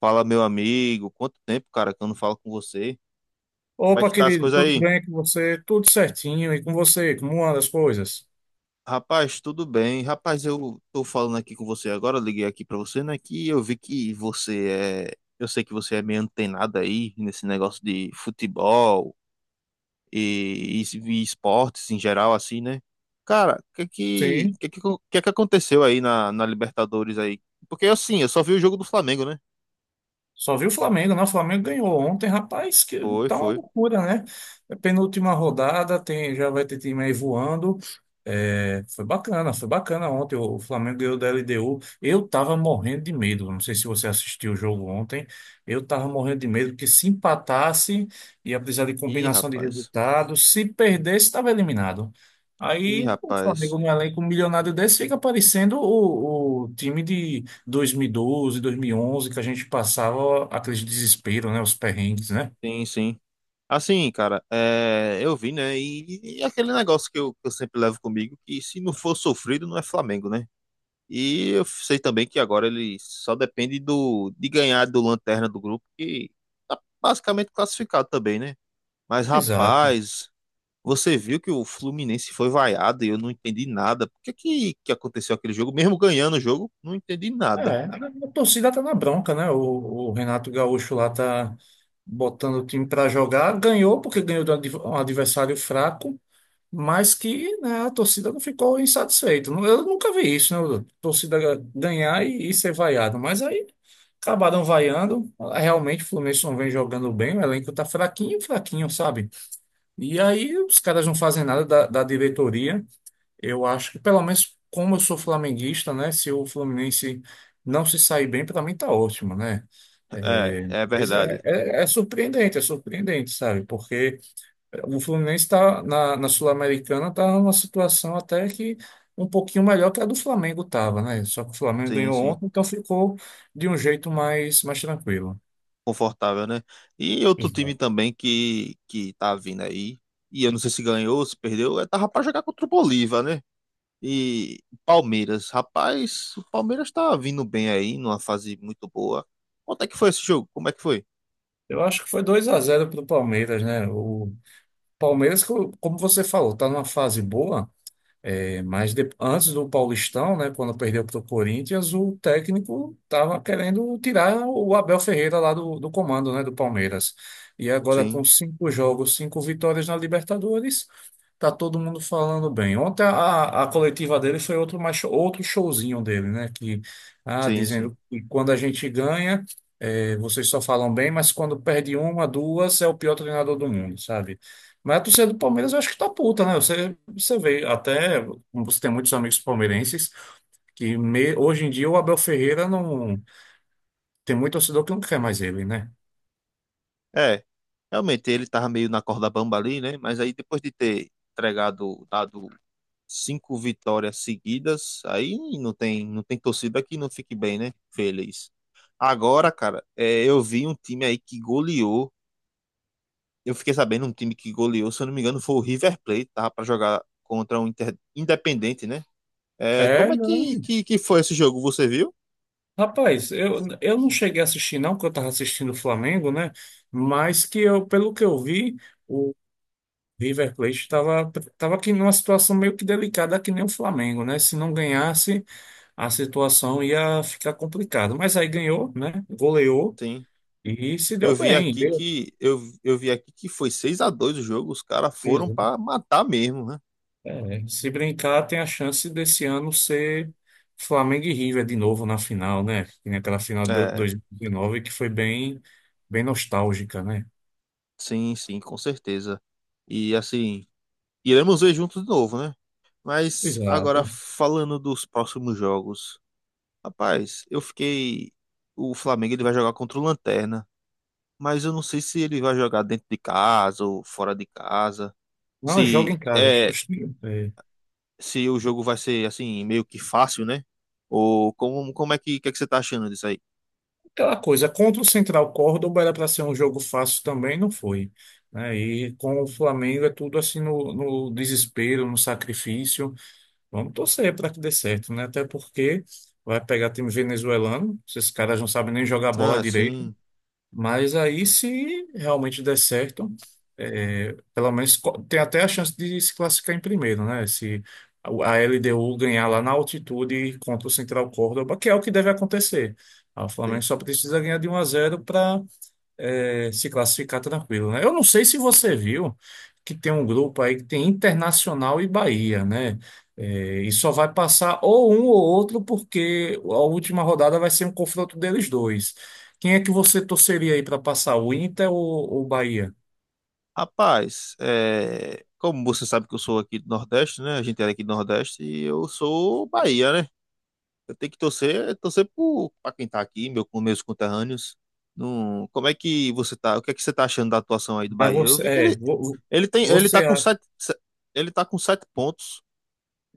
Fala, meu amigo. Quanto tempo, cara, que eu não falo com você? Como é Opa, que tá as querido, coisas tudo aí? bem com você? Tudo certinho. E com você? Como andam as coisas? Rapaz, tudo bem. Rapaz, eu tô falando aqui com você agora, eu liguei aqui pra você, né? Que eu vi que você é. Eu sei que você é meio antenado aí nesse negócio de futebol e, e- e esportes em geral, assim, né? Cara, o que é Sim. Que aconteceu aí na Libertadores aí? Porque assim, eu só vi o jogo do Flamengo, né? Só viu o Flamengo, né? O Flamengo ganhou ontem, rapaz, que Foi, tá uma foi. loucura, né? É penúltima rodada, tem, já vai ter time aí voando. É, foi bacana ontem. O Flamengo ganhou da LDU. Eu tava morrendo de medo. Não sei se você assistiu o jogo ontem. Eu tava morrendo de medo que se empatasse, ia precisar de Ih, combinação de rapaz. resultados. Se perdesse, estava eliminado. Ih, Aí o rapaz. Flamengo, no elenco milionário desse, fica parecendo o time de 2012, 2011, que a gente passava aquele desespero, né? Os perrengues, né? Sim, sim. Assim, cara, é, eu vi, né? E aquele negócio que eu sempre levo comigo, que se não for sofrido, não é Flamengo, né? E eu sei também que agora ele só depende de ganhar do Lanterna do grupo, que tá basicamente classificado também, né? Mas, Exato. rapaz, você viu que o Fluminense foi vaiado e eu não entendi nada. Por que que aconteceu aquele jogo? Mesmo ganhando o jogo, não entendi nada. É, a torcida tá na bronca, né? O Renato Gaúcho lá tá botando o time para jogar. Ganhou porque ganhou de um adversário fraco, mas que, né, a torcida não ficou insatisfeita. Eu nunca vi isso, né? A torcida ganhar e ser vaiado. Mas aí acabaram vaiando. Realmente o Fluminense não vem jogando bem, o elenco tá fraquinho, fraquinho, sabe? E aí os caras não fazem nada da diretoria. Eu acho que, pelo menos, como eu sou flamenguista, né? Se o Fluminense não se sair bem, para mim tá ótimo, né? É, É, é mas verdade. É surpreendente, sabe? Porque o Fluminense está na Sul-Americana, está numa situação até que um pouquinho melhor que a do Flamengo estava, né? Só que o Flamengo Sim, ganhou sim. ontem, então ficou de um jeito mais tranquilo. Confortável, né? E outro time Exato. também que tá vindo aí, e eu não sei se ganhou, se perdeu, é, tava pra jogar contra o Bolívar, né? E Palmeiras, rapaz, o Palmeiras tá vindo bem aí, numa fase muito boa. Quanto é que foi esse jogo? Como é que foi? Eu acho que foi 2 a zero para o Palmeiras, né? Palmeiras, como você falou, está numa fase boa. É, mas antes do Paulistão, né, quando perdeu para o Corinthians, o técnico estava querendo tirar o Abel Ferreira lá do comando, né, do Palmeiras. E agora com Sim, cinco jogos, cinco vitórias na Libertadores, tá todo mundo falando bem. Ontem a coletiva dele foi outro, outro showzinho dele, né, que sim, sim. dizendo que quando a gente ganha, é, vocês só falam bem, mas quando perde uma, duas, é o pior treinador do mundo, sabe? Mas a torcida do Palmeiras eu acho que tá puta, né? Você vê, até você tem muitos amigos palmeirenses que hoje em dia o Abel Ferreira não tem muito torcedor que não quer mais ele, né? É, realmente ele tava meio na corda bamba ali, né? Mas aí depois de ter entregado, dado cinco vitórias seguidas, aí não tem torcida que não fique bem, né? Feliz. Agora, cara, é, eu vi um time aí que goleou. Eu fiquei sabendo um time que goleou, se eu não me engano, foi o River Plate, tava para jogar contra um Independente, né? É, É, como é que foi esse jogo? Você viu? rapaz, eu não cheguei a assistir não, porque eu estava assistindo o Flamengo, né? Mas que eu, pelo que eu vi, o River Plate estava aqui numa situação meio que delicada, que nem o Flamengo, né? Se não ganhasse, a situação ia ficar complicada. Mas aí ganhou, né? Goleou Sim. e se deu Eu vi bem. aqui que foi 6-2 o jogo, os caras foram Deu. para matar mesmo, né? É, se brincar, tem a chance desse ano ser Flamengo e River de novo na final, né? Que nem aquela final de É, 2019 que foi bem, bem nostálgica, né? sim, sim, com certeza. E assim, iremos ver juntos de novo, né? Mas agora Exato. falando dos próximos jogos. Rapaz, eu fiquei. O Flamengo ele vai jogar contra o Lanterna. Mas eu não sei se ele vai jogar dentro de casa ou fora de casa. Não, joga Se em casa. é, É. se o jogo vai ser assim, meio que fácil, né? Ou como é que você tá achando disso aí? Aquela coisa, contra o Central Córdoba era para ser um jogo fácil também, não foi, né? E com o Flamengo é tudo assim no desespero, no sacrifício. Vamos torcer para que dê certo, né? Até porque vai pegar time venezuelano, esses caras não sabem nem jogar bola. Ah, sim, Mas aí, se realmente der certo, é, pelo menos tem até a chance de se classificar em primeiro, né? Se a LDU ganhar lá na altitude contra o Central Córdoba, que é o que deve acontecer. Ah, o sim, Flamengo só sim. precisa ganhar de um a 0, é, se classificar tá tranquilo, né? Eu não sei se você viu que tem um grupo aí que tem Internacional e Bahia, né? É, e só vai passar ou um ou outro, porque a última rodada vai ser um confronto deles dois. Quem é que você torceria aí para passar, o Inter ou o Bahia? Rapaz, é, como você sabe que eu sou aqui do Nordeste, né? A gente era aqui do Nordeste e eu sou Bahia, né? Eu tenho que torcer, torcer para quem tá aqui, meu, com meus conterrâneos. Não, como é que você tá? O que é que você tá achando da atuação aí do Mas Bahia? Eu você, vi que ele, ele tem, ele você tá com acha. sete, se- ele tá com 7 pontos.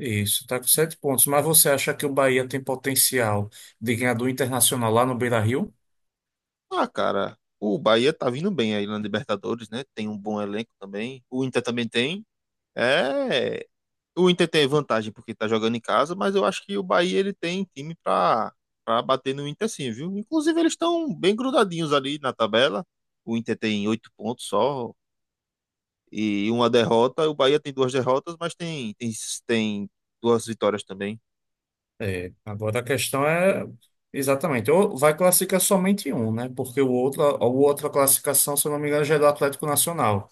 Isso, tá com sete pontos. Mas você acha que o Bahia tem potencial de ganhar do Internacional lá no Beira-Rio? Ah, cara, o Bahia tá vindo bem aí na Libertadores, né? Tem um bom elenco também. O Inter também tem. É, o Inter tem vantagem porque tá jogando em casa, mas eu acho que o Bahia ele tem time para bater no Inter sim, viu? Inclusive eles estão bem grudadinhos ali na tabela. O Inter tem 8 pontos só, e uma derrota. O Bahia tem duas derrotas, mas tem duas vitórias também. É, agora a questão é exatamente, ou vai classificar somente um, né? Porque o outro, a outra classificação, se eu não me engano, já é do Atlético Nacional.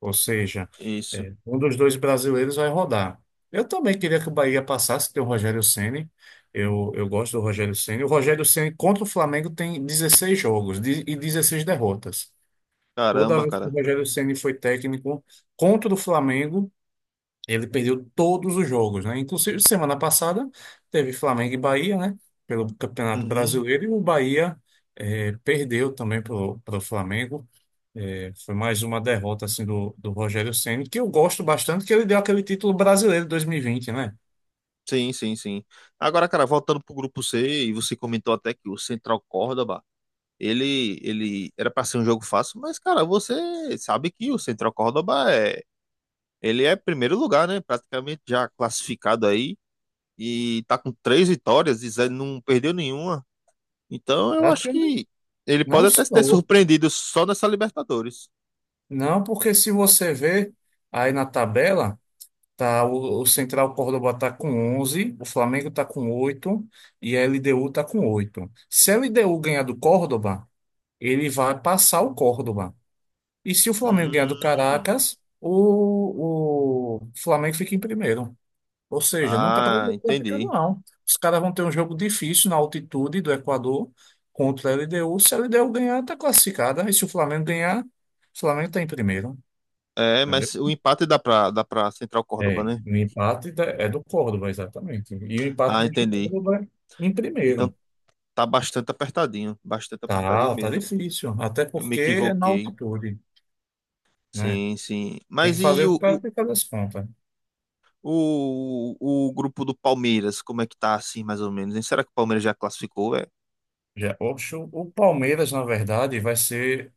Ou seja, Isso. é, um dos dois brasileiros vai rodar. Eu também queria que o Bahia passasse, tem o Rogério Ceni. Eu gosto do Rogério Ceni. O Rogério Ceni contra o Flamengo tem 16 jogos e 16 derrotas. Toda Caramba, vez que o cara. Rogério Ceni foi técnico contra o Flamengo, ele perdeu todos os jogos, né? Inclusive, semana passada teve Flamengo e Bahia, né? Pelo Campeonato Uhum. Brasileiro, e o Bahia perdeu também pro Flamengo. Foi mais uma derrota assim do Rogério Ceni, que eu gosto bastante, que ele deu aquele título brasileiro 2020, né? Sim, sim, sim. Agora, cara, voltando pro grupo C, e você comentou até que o Central Córdoba, ele era para ser um jogo fácil, mas, cara, você sabe que o Central Córdoba ele é primeiro lugar, né? Praticamente já classificado aí e tá com três vitórias e não perdeu nenhuma. Então, eu Acho acho que não, que ele não pode até ter sou. surpreendido só nessa Libertadores. Não, porque se você ver aí na tabela, tá o Central Córdoba tá com 11, o Flamengo tá com 8 e a LDU tá com 8. Se a LDU ganhar do Córdoba ele vai passar o Córdoba. E se o Flamengo ganhar do Hum. Caracas, o Flamengo fica em primeiro. Ou seja, não está Ah, classificado, entendi. não. Os caras vão ter um jogo difícil na altitude do Equador contra a LDU. Se a LDU ganhar, está classificada. E se o Flamengo ganhar, o Flamengo está em primeiro. É, Entendeu? mas o empate dá pra Central Córdoba, É, né? o empate é do Córdoba, exatamente. E o empate Ah, deixa o entendi. Córdoba em Então primeiro. tá bastante apertadinho Tá, tá mesmo. difícil. Até Eu me porque é na equivoquei. altitude, né? Sim, sim. Tem que Mas fazer e o que o o, o, cara tem fazer as contas. o, o grupo do Palmeiras? Como é que tá assim, mais ou menos? Hein? Será que o Palmeiras já classificou, velho? Já, oxe, o Palmeiras, na verdade, vai ser.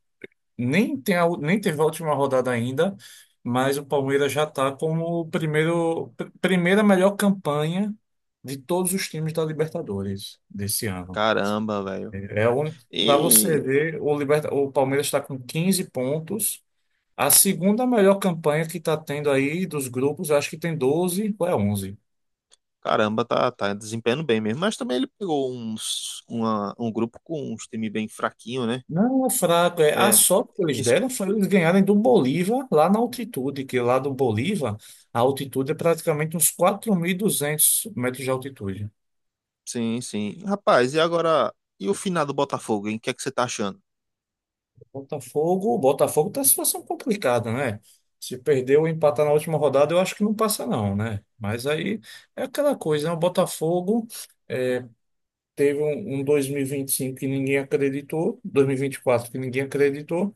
Nem teve a última rodada ainda, mas o Palmeiras já está como o primeira melhor campanha de todos os times da Libertadores desse ano. Caramba, velho. É o único. Para você E ver, o Palmeiras está com 15 pontos. A segunda melhor campanha que está tendo aí dos grupos, eu acho que tem 12, ou é 11. caramba, tá desempenhando bem mesmo. Mas também ele pegou um grupo com uns time bem fraquinho, né? Não é fraco, é. A É, sorte que eles deram foi eles ganharem do Bolívar lá na altitude, que lá do Bolívar a altitude é praticamente uns 4.200 metros de altitude. sim, sim. Rapaz, e agora? E o final do Botafogo, hein? O que é que você tá achando? Botafogo, o Botafogo tá em situação complicada, né? Se perder ou empatar na última rodada, eu acho que não passa não, né? Mas aí é aquela coisa, né? O Botafogo teve um 2025 que ninguém acreditou, dois mil e vinte e quatro que ninguém acreditou.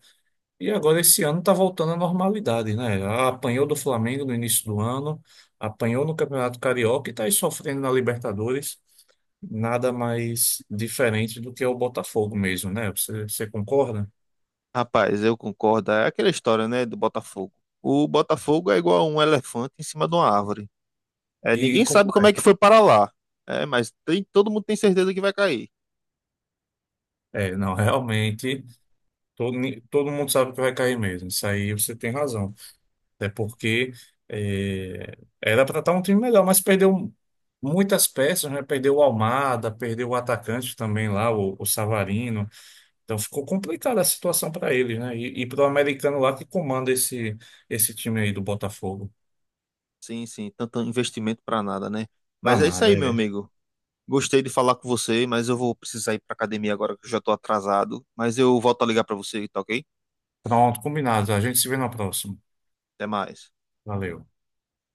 E agora esse ano está voltando à normalidade, né? Apanhou do Flamengo no início do ano, apanhou no Campeonato Carioca e está aí sofrendo na Libertadores. Nada mais diferente do que o Botafogo mesmo, né? Você concorda? Rapaz, eu concordo. É aquela história, né, do Botafogo. O Botafogo é igual um elefante em cima de uma árvore. É, E ninguém como sabe como é que é? foi para lá. É, mas todo mundo tem certeza que vai cair. É, não, realmente, todo mundo sabe que vai cair mesmo. Isso aí você tem razão. Até porque era para estar um time melhor, mas perdeu muitas peças, né? Perdeu o Almada, perdeu o atacante também lá, o Savarino. Então ficou complicada a situação para eles, né? E para o americano lá que comanda esse time aí do Botafogo. Sim, sim. Tanto investimento para nada, né? Mas é isso aí, Danada, meu é. amigo. Gostei de falar com você, mas eu vou precisar ir para academia agora que eu já tô atrasado. Mas eu volto a ligar para você, tá ok? Pronto, combinado. A gente se vê na próxima. Até mais. Valeu.